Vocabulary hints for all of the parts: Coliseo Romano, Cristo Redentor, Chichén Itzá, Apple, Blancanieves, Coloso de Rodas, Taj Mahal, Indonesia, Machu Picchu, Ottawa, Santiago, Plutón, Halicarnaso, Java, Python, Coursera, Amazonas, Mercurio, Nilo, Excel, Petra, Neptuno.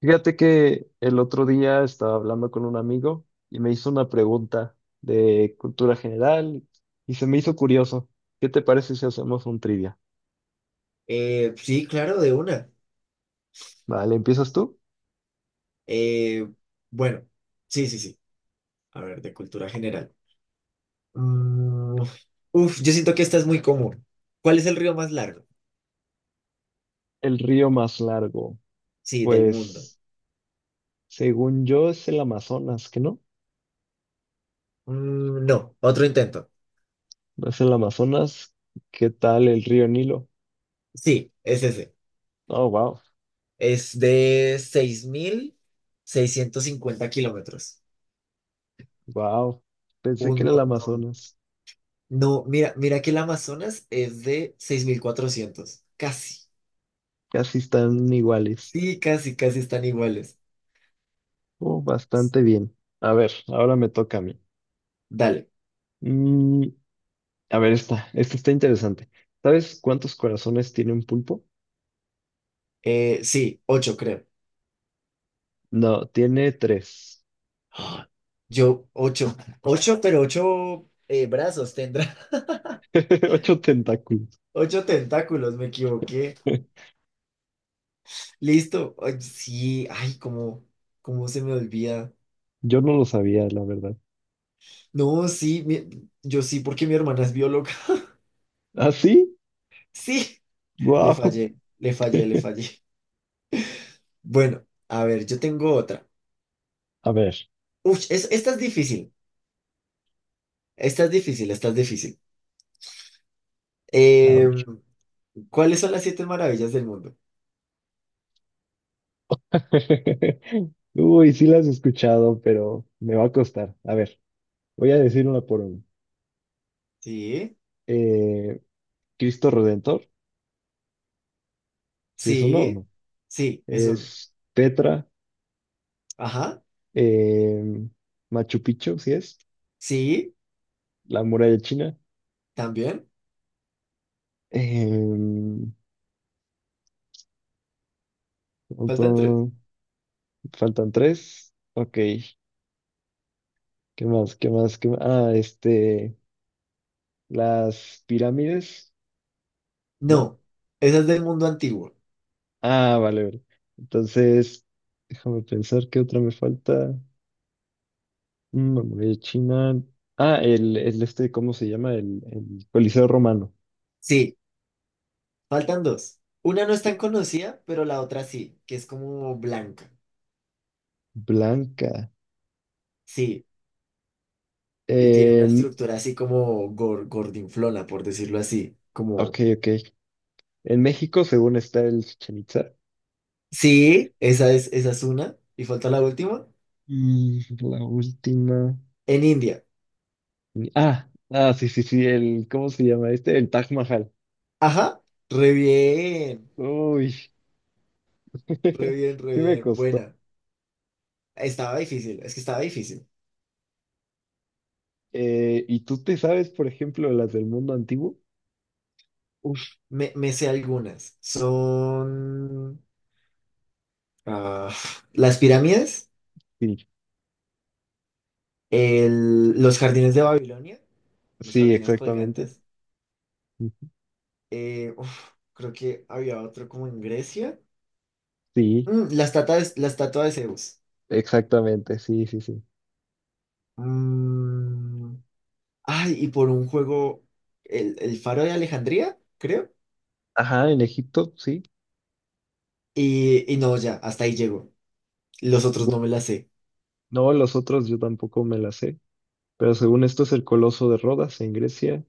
Fíjate que el otro día estaba hablando con un amigo y me hizo una pregunta de cultura general y se me hizo curioso. ¿Qué te parece si hacemos un trivia? Sí, claro, de una. Vale, ¿empiezas tú? Eh, bueno, sí, sí, sí. A ver, de cultura general. Mm, Uf, yo siento que esta es muy común. ¿Cuál es el río más largo? El río más largo. Sí, del mundo. Pues, según yo, es el Amazonas, ¿qué no? No, otro intento. ¿No es el Amazonas? ¿Qué tal el río Nilo? Sí, es ese. Oh, wow, Es de 6650 kilómetros. wow. Pensé Un que era el montón. Amazonas. No, mira que el Amazonas es de 6400 casi. Casi están iguales. Sí, casi, casi están iguales. Oh, bastante bien. A ver, ahora me toca a mí. Dale. Mm, A ver, esta está interesante. ¿Sabes cuántos corazones tiene un pulpo? Sí, 8 creo. No, tiene tres. ¡Ah! Yo, ocho. Ocho, pero ocho brazos tendrá. Ocho tentáculos. Ocho tentáculos, me equivoqué. Listo. Ay, sí, ay, cómo se me olvida. Yo no lo sabía, la verdad. No, sí, yo sí, porque mi hermana es bióloga. ¿Ah, sí? Sí, le ¡Guau! fallé, le fallé, le fallé. Bueno, a ver, yo tengo otra. A ver, Uf, esta es difícil. Esta es difícil, esta es difícil. a Eh, ver. ¿Cuáles son las siete maravillas del mundo? Uy, sí las he escuchado, pero me va a costar. A ver, voy a decir una por una. Sí, Eh, Cristo Redentor, sí es uno o sí, no. sí, es uno. Es Petra, Ajá, em, Machu Picchu, sí es. sí, La muralla china. también. Eh, Faltan tres. Faltan tres. Ok. ¿Qué más? ¿Qué más? ¿Qué más? Ah, este. Las pirámides, ¿no? No, esa es del mundo antiguo. Ah, vale, vale. Entonces, déjame pensar qué otra me falta. Memoria de China. Ah, el este, ¿cómo se llama? El Coliseo Romano. Sí, faltan dos. Una no es Eh, tan conocida, pero la otra sí, que es como blanca. Blanca. Sí, y tiene una En- estructura así como gordinflona, por decirlo así. ok, Como, ok. En México, según está el Chichén Itzá. sí, esa es una. Y falta la última, Y la última. en India. Ah, ah, sí, sí, sí. El, ¿cómo se llama este? El Taj Mahal. Ajá, re bien, Uy. re bien, re Sí me bien. costó. Buena. Estaba difícil, es que estaba difícil. ¿Y tú te sabes, por ejemplo, las del mundo antiguo? Uf, me sé algunas. Son ah, las pirámides. Sí, Los jardines de Babilonia, los sí, jardines exactamente. colgantes. Uf, creo que había otro como en Grecia. Sí, La estatua de Zeus. exactamente, sí, sí, sí. Mm, Ay, y por un juego, el faro de Alejandría, creo. Ajá, en Egipto, sí. Y no, ya, hasta ahí llego. Los otros Gu- no me las sé. No, los otros yo tampoco me las sé, pero según esto es el Coloso de Rodas en Grecia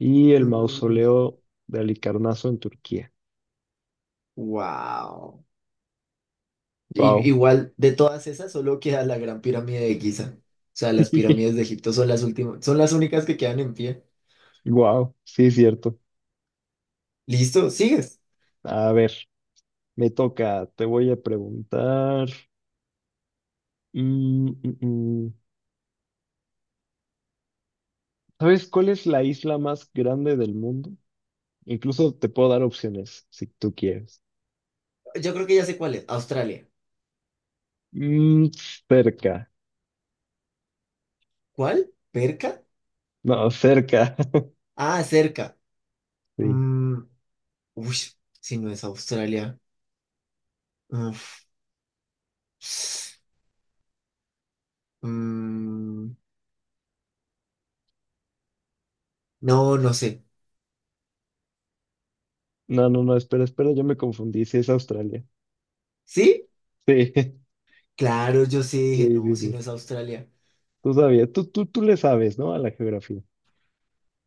y el Mm, mausoleo de Halicarnaso en Turquía. wow. Wow. Igual, de todas esas, solo queda la Gran Pirámide de Giza. O sea, las pirámides de Egipto son las últimas, son las únicas que quedan en pie. Wow, sí es cierto. Listo, sigues. A ver, me toca, te voy a preguntar. Mm, mm, mm. ¿Sabes cuál es la isla más grande del mundo? Incluso te puedo dar opciones si tú quieres. Yo creo que ya sé cuál es. Australia. Mm, Cerca. ¿Cuál? ¿Perca? No, cerca. Ah, cerca. Sí. Mm, Uy, si no es Australia. Uf. Mm, no, no sé. No, no, no, espera, espera, yo me confundí. Sí, es Australia. ¿Sí? Sí, Claro, yo sí dije, sí, sí, no, si sí. no es Australia. Tú sabías, tú le sabes, ¿no? A la geografía.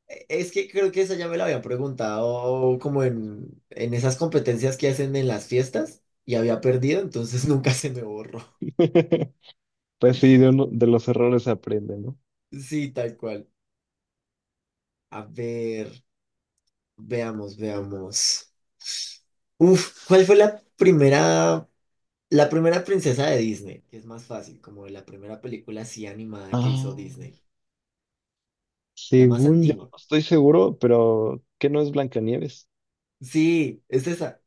Es que creo que esa ya me la había preguntado como en, esas competencias que hacen en las fiestas y había perdido, entonces nunca se me borró. Pues sí, de los errores se aprende, ¿no? Sí, tal cual. A ver. Veamos, veamos. Uf, ¿cuál fue la primera princesa de Disney? Que es más fácil, como la primera película así animada que hizo Ah, Disney. La más según yo, antigua. no estoy seguro, pero ¿que no es Blancanieves? Sí, es esa.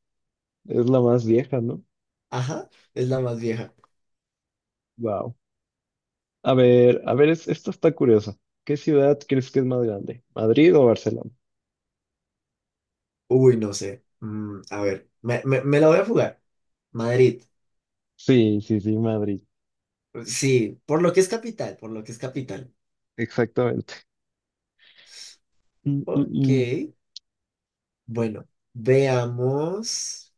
Es la más vieja, ¿no? Ajá, es la más vieja. Wow. A ver, esto está curioso. ¿Qué ciudad crees que es más grande? ¿Madrid o Barcelona? Uy, no sé. A ver, me la voy a jugar. Madrid. Sí, sí, sí, Madrid. Sí, por lo que es capital, por lo que es capital. Exactamente. Mm, mm, Ok, mm. bueno, veamos.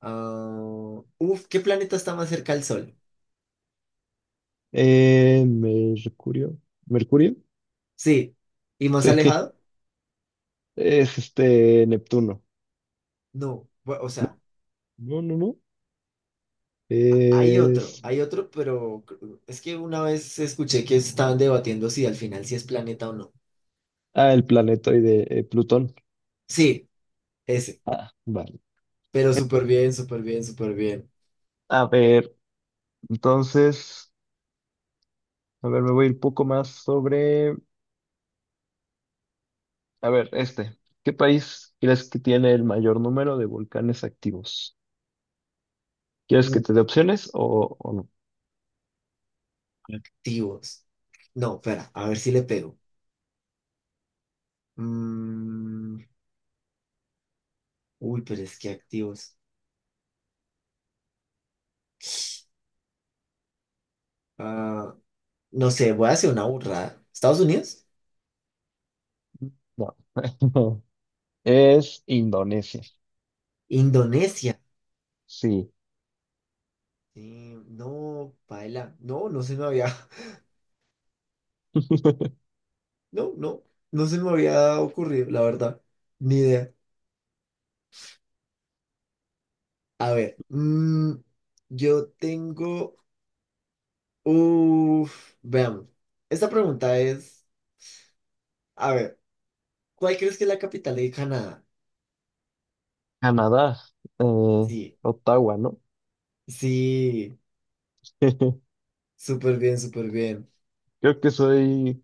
Ah, uf, ¿qué planeta está más cerca al Sol? Mercurio. ¿Mercurio? Sí, y más Sí. alejado, Es este Neptuno. no. O No, sea, no, no, no. hay otro, Es. hay otro, pero es que una vez escuché que estaban debatiendo si al final si es planeta o no. Ah, el planetoide, Plutón. Sí, ese, Ah, vale. pero súper bien, súper bien, súper bien. A ver, entonces. A ver, me voy un poco más sobre. A ver, este. ¿Qué país crees que tiene el mayor número de volcanes activos? ¿Quieres que Uh, te dé opciones o no? Activos. No, espera, a ver si le pego. Mm, Uy, pero es que activos. Ah, no sé, voy a hacer una burrada. ¿Estados Unidos? No. Es Indonesia. Indonesia. Sí. Sí, no, paila. No, no se me había. No, no, no se me había ocurrido, la verdad. Ni idea. A ver, yo tengo... Uf, veamos. Esta pregunta es, a ver, ¿cuál crees que es la capital de Canadá? Canadá. eh, Sí, Ottawa, ¿no? sí, Creo súper bien, súper bien. que soy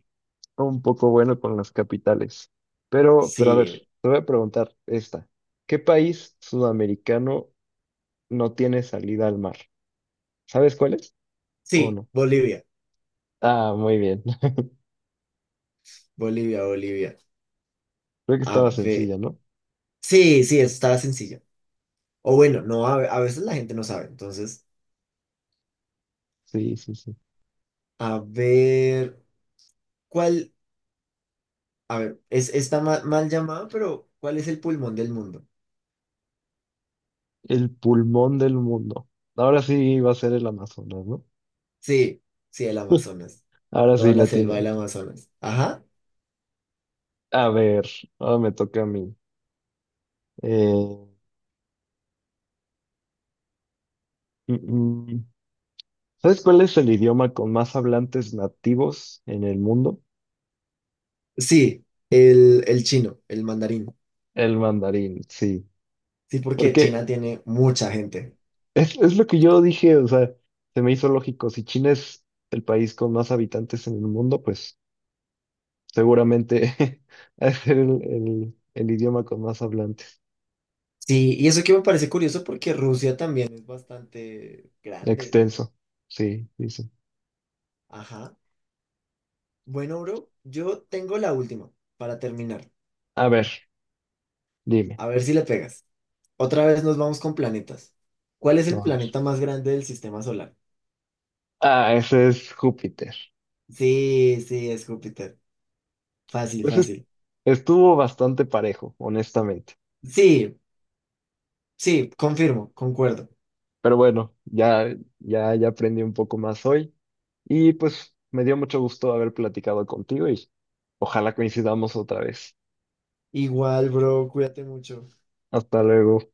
un poco bueno con las capitales. Pero a ver, Sí, te voy a preguntar esta. ¿Qué país sudamericano no tiene salida al mar? ¿Sabes cuál es? ¿O sí, no? Bolivia, Ah, muy bien. Bolivia, Bolivia. Creo que A estaba ver, sencilla, ¿no? sí, sí, eso estaba sencillo. O bueno, no, a veces la gente no sabe. Entonces, Sí, sí, sí. a ver, ¿cuál? A ver, está mal llamada, pero ¿cuál es el pulmón del mundo? El pulmón del mundo. Ahora sí va a ser el Amazonas, ¿no? Sí, sí, el Amazonas. Ahora Toda sí la la selva tiene. del Amazonas. Ajá. A ver, ahora me toca a mí. Eh, mm, mm. ¿Sabes cuál es el idioma con más hablantes nativos en el mundo? Sí, el chino, el mandarín. El mandarín, sí. Sí, porque Porque China tiene mucha gente. es lo que yo dije, o sea, se me hizo lógico. Si China es el país con más habitantes en el mundo, pues seguramente es el idioma con más hablantes. Sí, y eso que me parece curioso porque Rusia también es bastante grande. Extenso, sí, dice. Ajá. Bueno, bro, yo tengo la última para terminar. A ver, dime. A ver si le pegas. Otra vez nos vamos con planetas. ¿Cuál es el A ver. planeta más grande del sistema solar? Ah, ese es Júpiter. Sí, sí, es Júpiter. Fácil, Pues es- fácil. Estuvo bastante parejo, honestamente. Sí, sí, confirmo, concuerdo. Pero bueno, ya aprendí un poco más hoy y pues me dio mucho gusto haber platicado contigo y ojalá coincidamos otra vez. Igual, bro, cuídate mucho. Hasta luego.